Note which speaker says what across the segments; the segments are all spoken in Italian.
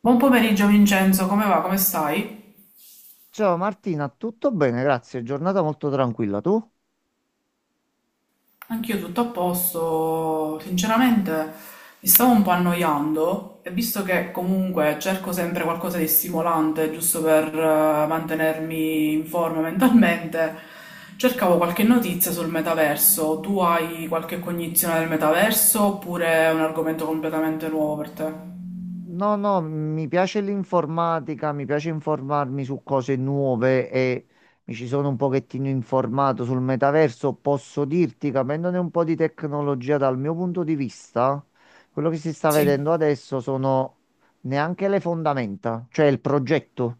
Speaker 1: Buon pomeriggio Vincenzo, come va? Come stai?
Speaker 2: Ciao Martina, tutto bene, grazie. Giornata molto tranquilla. Tu?
Speaker 1: Anch'io tutto a posto, sinceramente mi stavo un po' annoiando e visto che comunque cerco sempre qualcosa di stimolante, giusto per mantenermi in forma mentalmente, cercavo qualche notizia sul metaverso. Tu hai qualche cognizione del metaverso oppure è un argomento completamente nuovo per te?
Speaker 2: No, no, mi piace l'informatica, mi piace informarmi su cose nuove e mi ci sono un pochettino informato sul metaverso. Posso dirti, capendone un po' di tecnologia dal mio punto di vista, quello che si sta
Speaker 1: Sì.
Speaker 2: vedendo adesso sono neanche le fondamenta, cioè il progetto.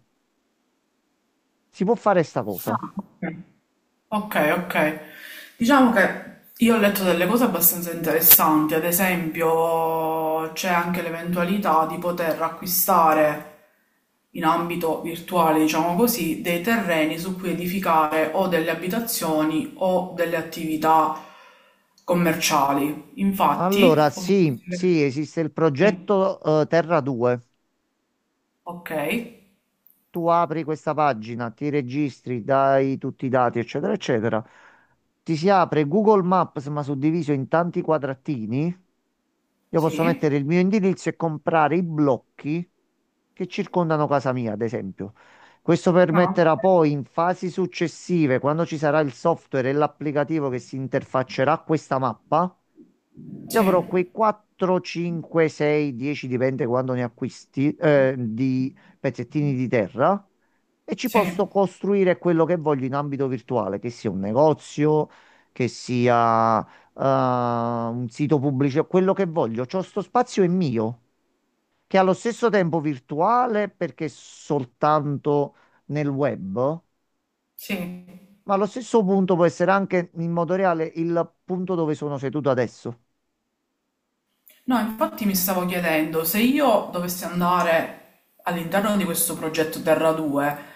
Speaker 2: Si può fare sta cosa?
Speaker 1: Ah, ok. Okay, okay. Diciamo che io ho letto delle cose abbastanza interessanti, ad esempio c'è anche l'eventualità di poter acquistare in ambito virtuale, diciamo così, dei terreni su cui edificare o delle abitazioni o delle attività commerciali.
Speaker 2: Allora,
Speaker 1: Infatti, ho
Speaker 2: sì,
Speaker 1: visto
Speaker 2: sì,
Speaker 1: le-
Speaker 2: esiste il
Speaker 1: sì,
Speaker 2: progetto Terra 2.
Speaker 1: ok,
Speaker 2: Tu apri questa pagina, ti registri, dai tutti i dati, eccetera, eccetera. Ti si apre Google Maps, ma suddiviso in tanti quadratini. Io posso
Speaker 1: sì,
Speaker 2: mettere il mio indirizzo e comprare i blocchi che circondano casa mia, ad esempio. Questo
Speaker 1: no,
Speaker 2: permetterà poi in fasi successive, quando ci sarà il software e l'applicativo che si interfaccerà a questa mappa,
Speaker 1: ok,
Speaker 2: io avrò quei 4, 5, 6, 10, dipende quando ne acquisti, di pezzettini di terra e ci
Speaker 1: sì,
Speaker 2: posso costruire quello che voglio in ambito virtuale, che sia un negozio, che sia, un sito pubblico, quello che voglio. C'ho sto spazio è mio, che è allo stesso tempo virtuale perché è soltanto nel web,
Speaker 1: sì, sì.
Speaker 2: ma allo stesso punto può essere anche in modo reale il punto dove sono seduto adesso.
Speaker 1: No, infatti mi stavo chiedendo se io dovessi andare all'interno di questo progetto Terra 2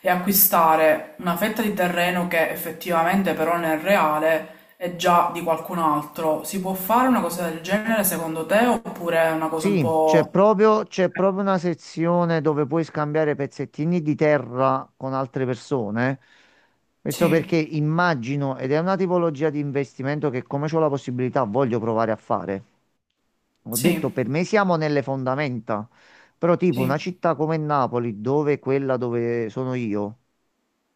Speaker 1: e acquistare una fetta di terreno che effettivamente però nel reale è già di qualcun altro, si può fare una cosa del genere secondo te oppure è una cosa un
Speaker 2: Sì, c'è
Speaker 1: po'...
Speaker 2: proprio, c'è proprio una sezione dove puoi scambiare pezzettini di terra con altre persone. Questo perché
Speaker 1: Sì,
Speaker 2: immagino, ed è una tipologia di investimento che come ho la possibilità voglio provare a fare. Ho detto, per
Speaker 1: sì,
Speaker 2: me siamo nelle fondamenta, però tipo una
Speaker 1: sì,
Speaker 2: città come Napoli, dove è quella dove sono io.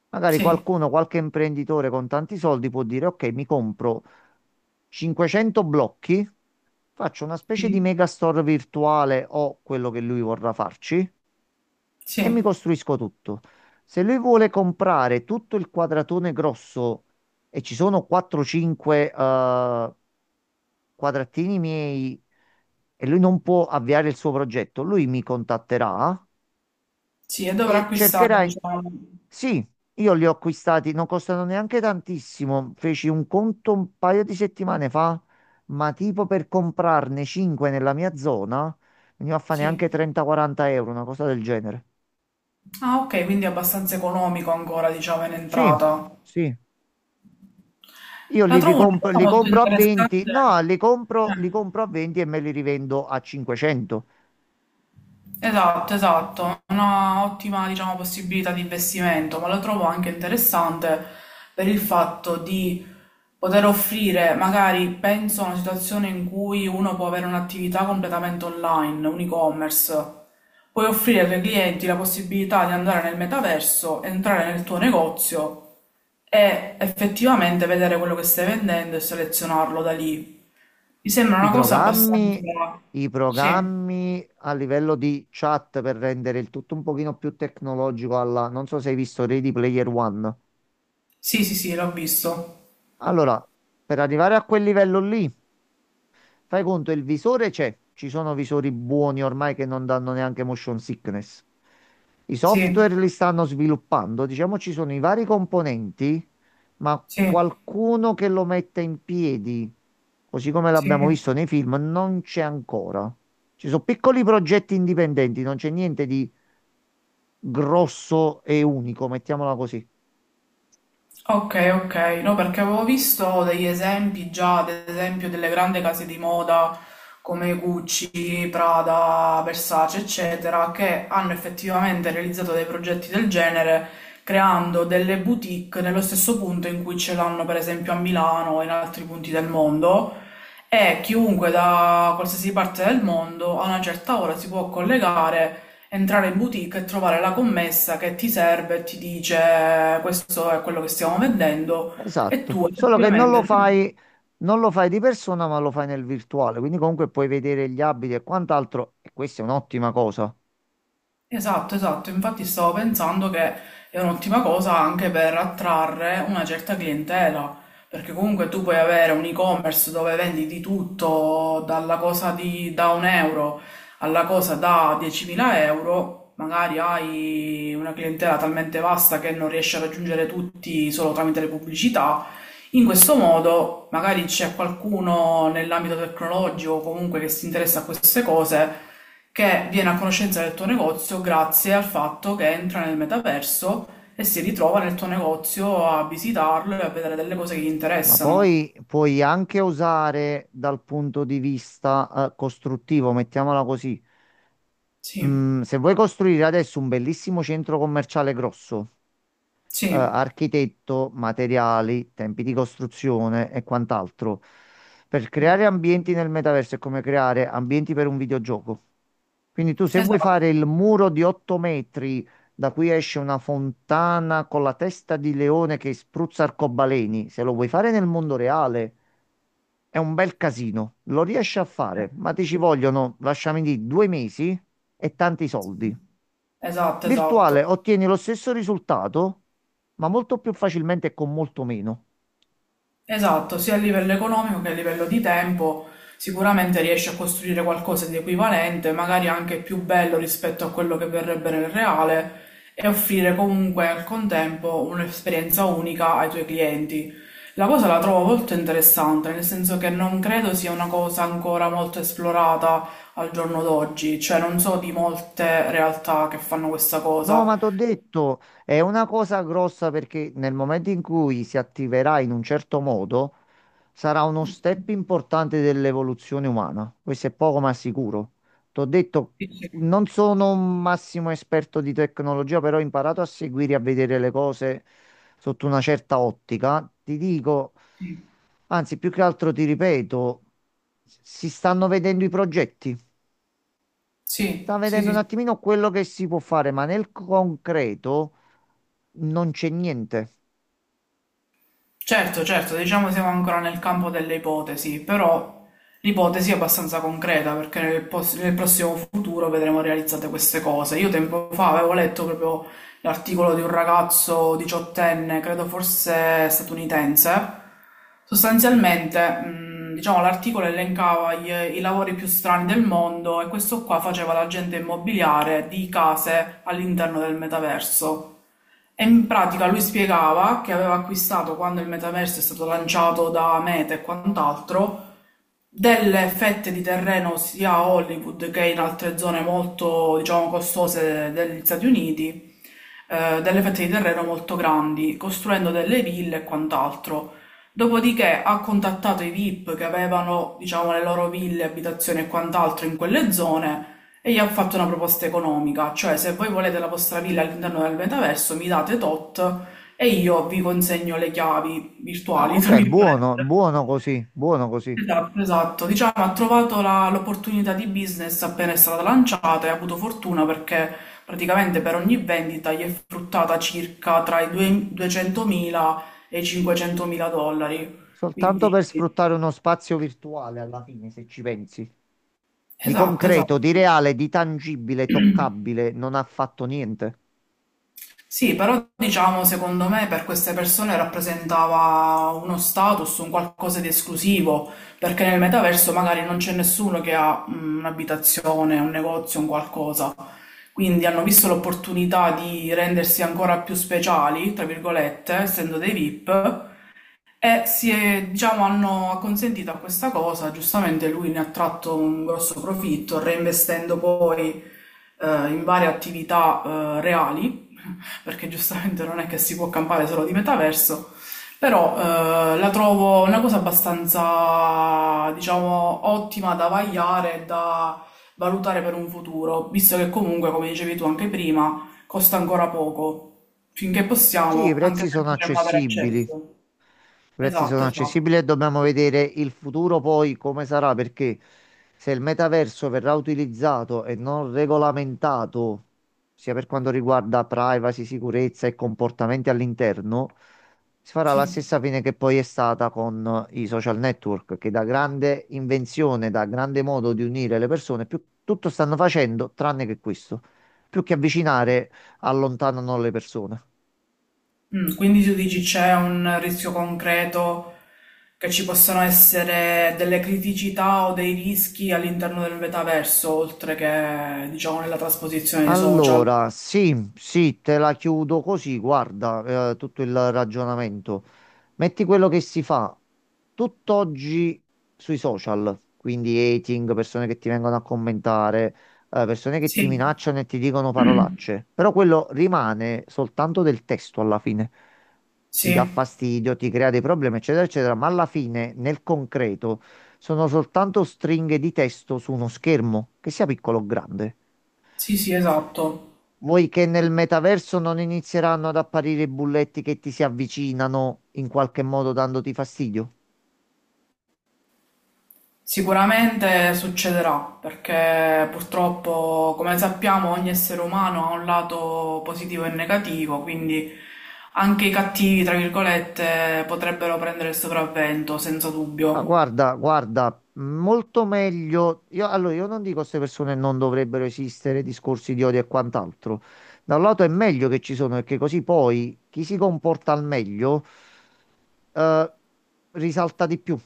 Speaker 2: Magari
Speaker 1: sì,
Speaker 2: qualcuno, qualche imprenditore con tanti soldi può dire: Ok, mi compro 500 blocchi, faccio una specie di
Speaker 1: sì,
Speaker 2: megastore virtuale o quello che lui vorrà farci
Speaker 1: sì,
Speaker 2: e mi costruisco tutto. Se lui vuole comprare tutto il quadratone grosso e ci sono 4-5 quadratini miei e lui non può avviare il suo progetto, lui mi contatterà
Speaker 1: sì, e dovrà
Speaker 2: e
Speaker 1: acquistare,
Speaker 2: cercherai.
Speaker 1: diciamo,
Speaker 2: Sì, io li ho acquistati, non costano neanche tantissimo. Feci un conto un paio di settimane fa, ma tipo per comprarne 5 nella mia zona, veniva a fare neanche
Speaker 1: sì.
Speaker 2: 30-40 euro, una cosa del genere.
Speaker 1: Ah, ok, quindi è abbastanza economico ancora, diciamo, in
Speaker 2: Sì,
Speaker 1: entrata.
Speaker 2: sì. Io
Speaker 1: La trovo una cosa
Speaker 2: li
Speaker 1: molto
Speaker 2: compro a 20,
Speaker 1: interessante.
Speaker 2: no, li compro, li
Speaker 1: Eh,
Speaker 2: compro a 20 e me li rivendo a 500.
Speaker 1: Esatto, esatto, una ottima, diciamo, possibilità di investimento, ma lo trovo anche interessante per il fatto di poter offrire, magari penso a una situazione in cui uno può avere un'attività completamente online, un e-commerce, puoi offrire ai tuoi clienti la possibilità di andare nel metaverso, entrare nel tuo negozio e effettivamente vedere quello che stai vendendo e selezionarlo da lì. Mi sembra
Speaker 2: I
Speaker 1: una cosa
Speaker 2: programmi,
Speaker 1: abbastanza...
Speaker 2: i
Speaker 1: Sì.
Speaker 2: programmi a livello di chat per rendere il tutto un pochino più tecnologico alla... Non so se hai visto Ready Player One.
Speaker 1: Sì, sì, sì, l'ho visto.
Speaker 2: Allora, per arrivare a quel livello lì... Fai conto, il visore c'è, ci sono visori buoni ormai che non danno neanche motion sickness. I software
Speaker 1: Sì,
Speaker 2: li stanno sviluppando, diciamo ci sono i vari componenti, ma
Speaker 1: sì,
Speaker 2: qualcuno che lo metta in piedi, così come
Speaker 1: sì.
Speaker 2: l'abbiamo visto nei film, non c'è ancora. Ci sono piccoli progetti indipendenti, non c'è niente di grosso e unico, mettiamola così.
Speaker 1: Ok, ok. No, perché avevo visto degli esempi già, ad esempio, delle grandi case di moda come Gucci, Prada, Versace, eccetera, che hanno effettivamente realizzato dei progetti del genere creando delle boutique nello stesso punto in cui ce l'hanno, per esempio, a Milano e in altri punti del mondo. E chiunque da qualsiasi parte del mondo a una certa ora si può collegare, entrare in boutique e trovare la commessa che ti serve e ti dice questo è quello che stiamo vendendo e
Speaker 2: Esatto,
Speaker 1: tu
Speaker 2: solo che non lo
Speaker 1: effettivamente...
Speaker 2: fai, non lo fai di persona, ma lo fai nel virtuale, quindi comunque puoi vedere gli abiti e quant'altro, e questa è un'ottima cosa,
Speaker 1: Esatto, esatto, infatti stavo pensando che è un'ottima cosa anche per attrarre una certa clientela, perché comunque tu puoi avere un e-commerce dove vendi di tutto, dalla cosa di, da un euro alla cosa da 10.000 euro, magari hai una clientela talmente vasta che non riesci a raggiungere tutti solo tramite le pubblicità, in questo modo, magari c'è qualcuno nell'ambito tecnologico o comunque che si interessa a queste cose che viene a conoscenza del tuo negozio grazie al fatto che entra nel metaverso e si ritrova nel tuo negozio a visitarlo e a vedere delle cose che gli
Speaker 2: ma
Speaker 1: interessano.
Speaker 2: poi puoi anche usare dal punto di vista, costruttivo, mettiamola così.
Speaker 1: Sì,
Speaker 2: Se vuoi costruire adesso un bellissimo centro commerciale grosso,
Speaker 1: sì,
Speaker 2: architetto, materiali, tempi di costruzione e quant'altro. Per creare ambienti nel metaverso è come creare ambienti per un videogioco. Quindi tu se vuoi fare
Speaker 1: esatto.
Speaker 2: il muro di 8 metri da cui esce una fontana con la testa di leone che spruzza arcobaleni, se lo vuoi fare nel mondo reale è un bel casino, lo riesci a
Speaker 1: Eh,
Speaker 2: fare, ma ti ci vogliono, lasciami dire, 2 mesi e tanti
Speaker 1: sì.
Speaker 2: soldi.
Speaker 1: Esatto,
Speaker 2: Virtuale
Speaker 1: esatto.
Speaker 2: ottieni lo stesso risultato, ma molto più facilmente e con molto meno.
Speaker 1: Esatto, sia a livello economico che a livello di tempo, sicuramente riesci a costruire qualcosa di equivalente, magari anche più bello rispetto a quello che verrebbe nel reale, e offrire comunque al contempo un'esperienza unica ai tuoi clienti. La cosa la trovo molto interessante, nel senso che non credo sia una cosa ancora molto esplorata al giorno d'oggi, cioè non so di molte realtà che fanno questa
Speaker 2: No,
Speaker 1: cosa.
Speaker 2: ma t'ho detto, è una cosa grossa perché nel momento in cui si attiverà in un certo modo, sarà uno step importante dell'evoluzione umana. Questo è poco ma sicuro. T'ho detto,
Speaker 1: Sì,
Speaker 2: non sono un massimo esperto di tecnologia, però ho imparato a seguire e a vedere le cose sotto una certa ottica. Ti dico,
Speaker 1: sì,
Speaker 2: anzi, più che altro ti ripeto, si stanno vedendo i progetti. Sta
Speaker 1: sì, sì,
Speaker 2: vedendo un
Speaker 1: sì.
Speaker 2: attimino quello che si può fare, ma nel concreto non c'è niente.
Speaker 1: Certo, certo, diciamo siamo ancora nel campo delle ipotesi, però l'ipotesi è abbastanza concreta perché nel, nel prossimo futuro vedremo realizzate queste cose. Io tempo fa avevo letto proprio l'articolo di un ragazzo diciottenne, credo forse statunitense. Sostanzialmente, diciamo, l'articolo elencava i lavori più strani del mondo e questo qua faceva l'agente immobiliare di case all'interno del metaverso. E in pratica lui spiegava che aveva acquistato quando il metaverso è stato lanciato da Meta e quant'altro, delle fette di terreno sia a Hollywood che in altre zone molto, diciamo, costose degli Stati Uniti, delle fette di terreno molto grandi, costruendo delle ville e quant'altro. Dopodiché ha contattato i VIP che avevano, diciamo, le loro ville, abitazioni e quant'altro in quelle zone e gli ha fatto una proposta economica, cioè se voi volete la vostra villa all'interno del metaverso mi date tot e io vi consegno le chiavi
Speaker 2: Ah,
Speaker 1: virtuali, tra
Speaker 2: ok,
Speaker 1: virgolette.
Speaker 2: buono, buono così, buono così.
Speaker 1: Esatto, esatto. Diciamo, ha trovato l'opportunità di business appena è stata lanciata e ha avuto fortuna perché praticamente per ogni vendita gli è fruttata circa tra i 200.000 e i 500.000 dollari.
Speaker 2: Soltanto
Speaker 1: Quindi,
Speaker 2: per sfruttare uno spazio virtuale alla fine, se ci pensi. Di
Speaker 1: esatto, esatto.
Speaker 2: concreto, di reale, di tangibile, toccabile, non ha fatto niente.
Speaker 1: Sì, però diciamo, secondo me per queste persone rappresentava uno status, un qualcosa di esclusivo, perché nel metaverso magari non c'è nessuno che ha mm, un'abitazione, un negozio, un qualcosa. Quindi hanno visto l'opportunità di rendersi ancora più speciali, tra virgolette, essendo dei VIP, e diciamo, hanno acconsentito a questa cosa. Giustamente lui ne ha tratto un grosso profitto, reinvestendo poi in varie attività reali, perché giustamente non è che si può campare solo di metaverso, però la trovo una cosa abbastanza, diciamo, ottima da vagliare e da valutare per un futuro, visto che comunque, come dicevi tu anche prima, costa ancora poco. Finché
Speaker 2: Sì, i
Speaker 1: possiamo, anche
Speaker 2: prezzi
Speaker 1: noi
Speaker 2: sono
Speaker 1: potremmo avere
Speaker 2: accessibili.
Speaker 1: accesso.
Speaker 2: I prezzi
Speaker 1: Esatto,
Speaker 2: sono
Speaker 1: esatto.
Speaker 2: accessibili e dobbiamo vedere il futuro poi come sarà, perché se il metaverso verrà utilizzato e non regolamentato, sia per quanto riguarda privacy, sicurezza e comportamenti all'interno, si farà la
Speaker 1: Sì.
Speaker 2: stessa fine che poi è stata con i social network, che da grande invenzione, da grande modo di unire le persone, più, tutto stanno facendo tranne che questo. Più che avvicinare, allontanano le persone.
Speaker 1: Quindi tu dici c'è un rischio concreto che ci possano essere delle criticità o dei rischi all'interno del metaverso, oltre che, diciamo, nella trasposizione dei social.
Speaker 2: Allora, sì, sì, te la chiudo così, guarda, tutto il ragionamento. Metti quello che si fa tutt'oggi sui social, quindi hating, persone che ti vengono a commentare, persone che ti
Speaker 1: Sì,
Speaker 2: minacciano e ti dicono parolacce, però quello rimane soltanto del testo alla fine. Ti dà
Speaker 1: sì,
Speaker 2: fastidio, ti crea dei problemi, eccetera, eccetera, ma alla fine, nel concreto, sono soltanto stringhe di testo su uno schermo, che sia piccolo o grande.
Speaker 1: sì, sì, esatto.
Speaker 2: Vuoi che nel metaverso non inizieranno ad apparire i bulletti che ti si avvicinano in qualche modo dandoti fastidio?
Speaker 1: Sicuramente succederà, perché purtroppo, come sappiamo, ogni essere umano ha un lato positivo e negativo, quindi anche i cattivi, tra virgolette, potrebbero prendere il sopravvento, senza
Speaker 2: Ma
Speaker 1: dubbio.
Speaker 2: guarda, guarda, molto meglio. Io, allora, io non dico che queste persone non dovrebbero esistere, discorsi di odio e quant'altro. Da un lato è meglio che ci sono, perché così poi chi si comporta al meglio eh, risalta di più.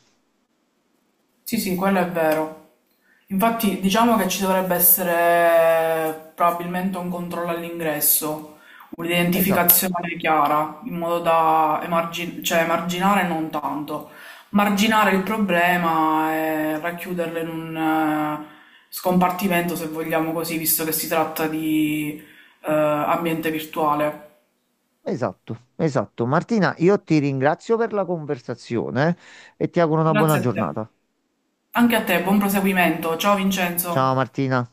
Speaker 1: Sì, sì, quello è vero. Infatti, diciamo che ci dovrebbe essere probabilmente un controllo all'ingresso,
Speaker 2: Esatto,
Speaker 1: un'identificazione chiara, in modo da cioè, emarginare non tanto, marginare il problema e racchiuderlo in un scompartimento, se vogliamo così, visto che si tratta di ambiente virtuale.
Speaker 2: esatto, esatto. Martina, io ti ringrazio per la conversazione e ti auguro una buona
Speaker 1: Grazie a te.
Speaker 2: giornata.
Speaker 1: Anche a te, buon proseguimento. Ciao
Speaker 2: Ciao
Speaker 1: Vincenzo.
Speaker 2: Martina.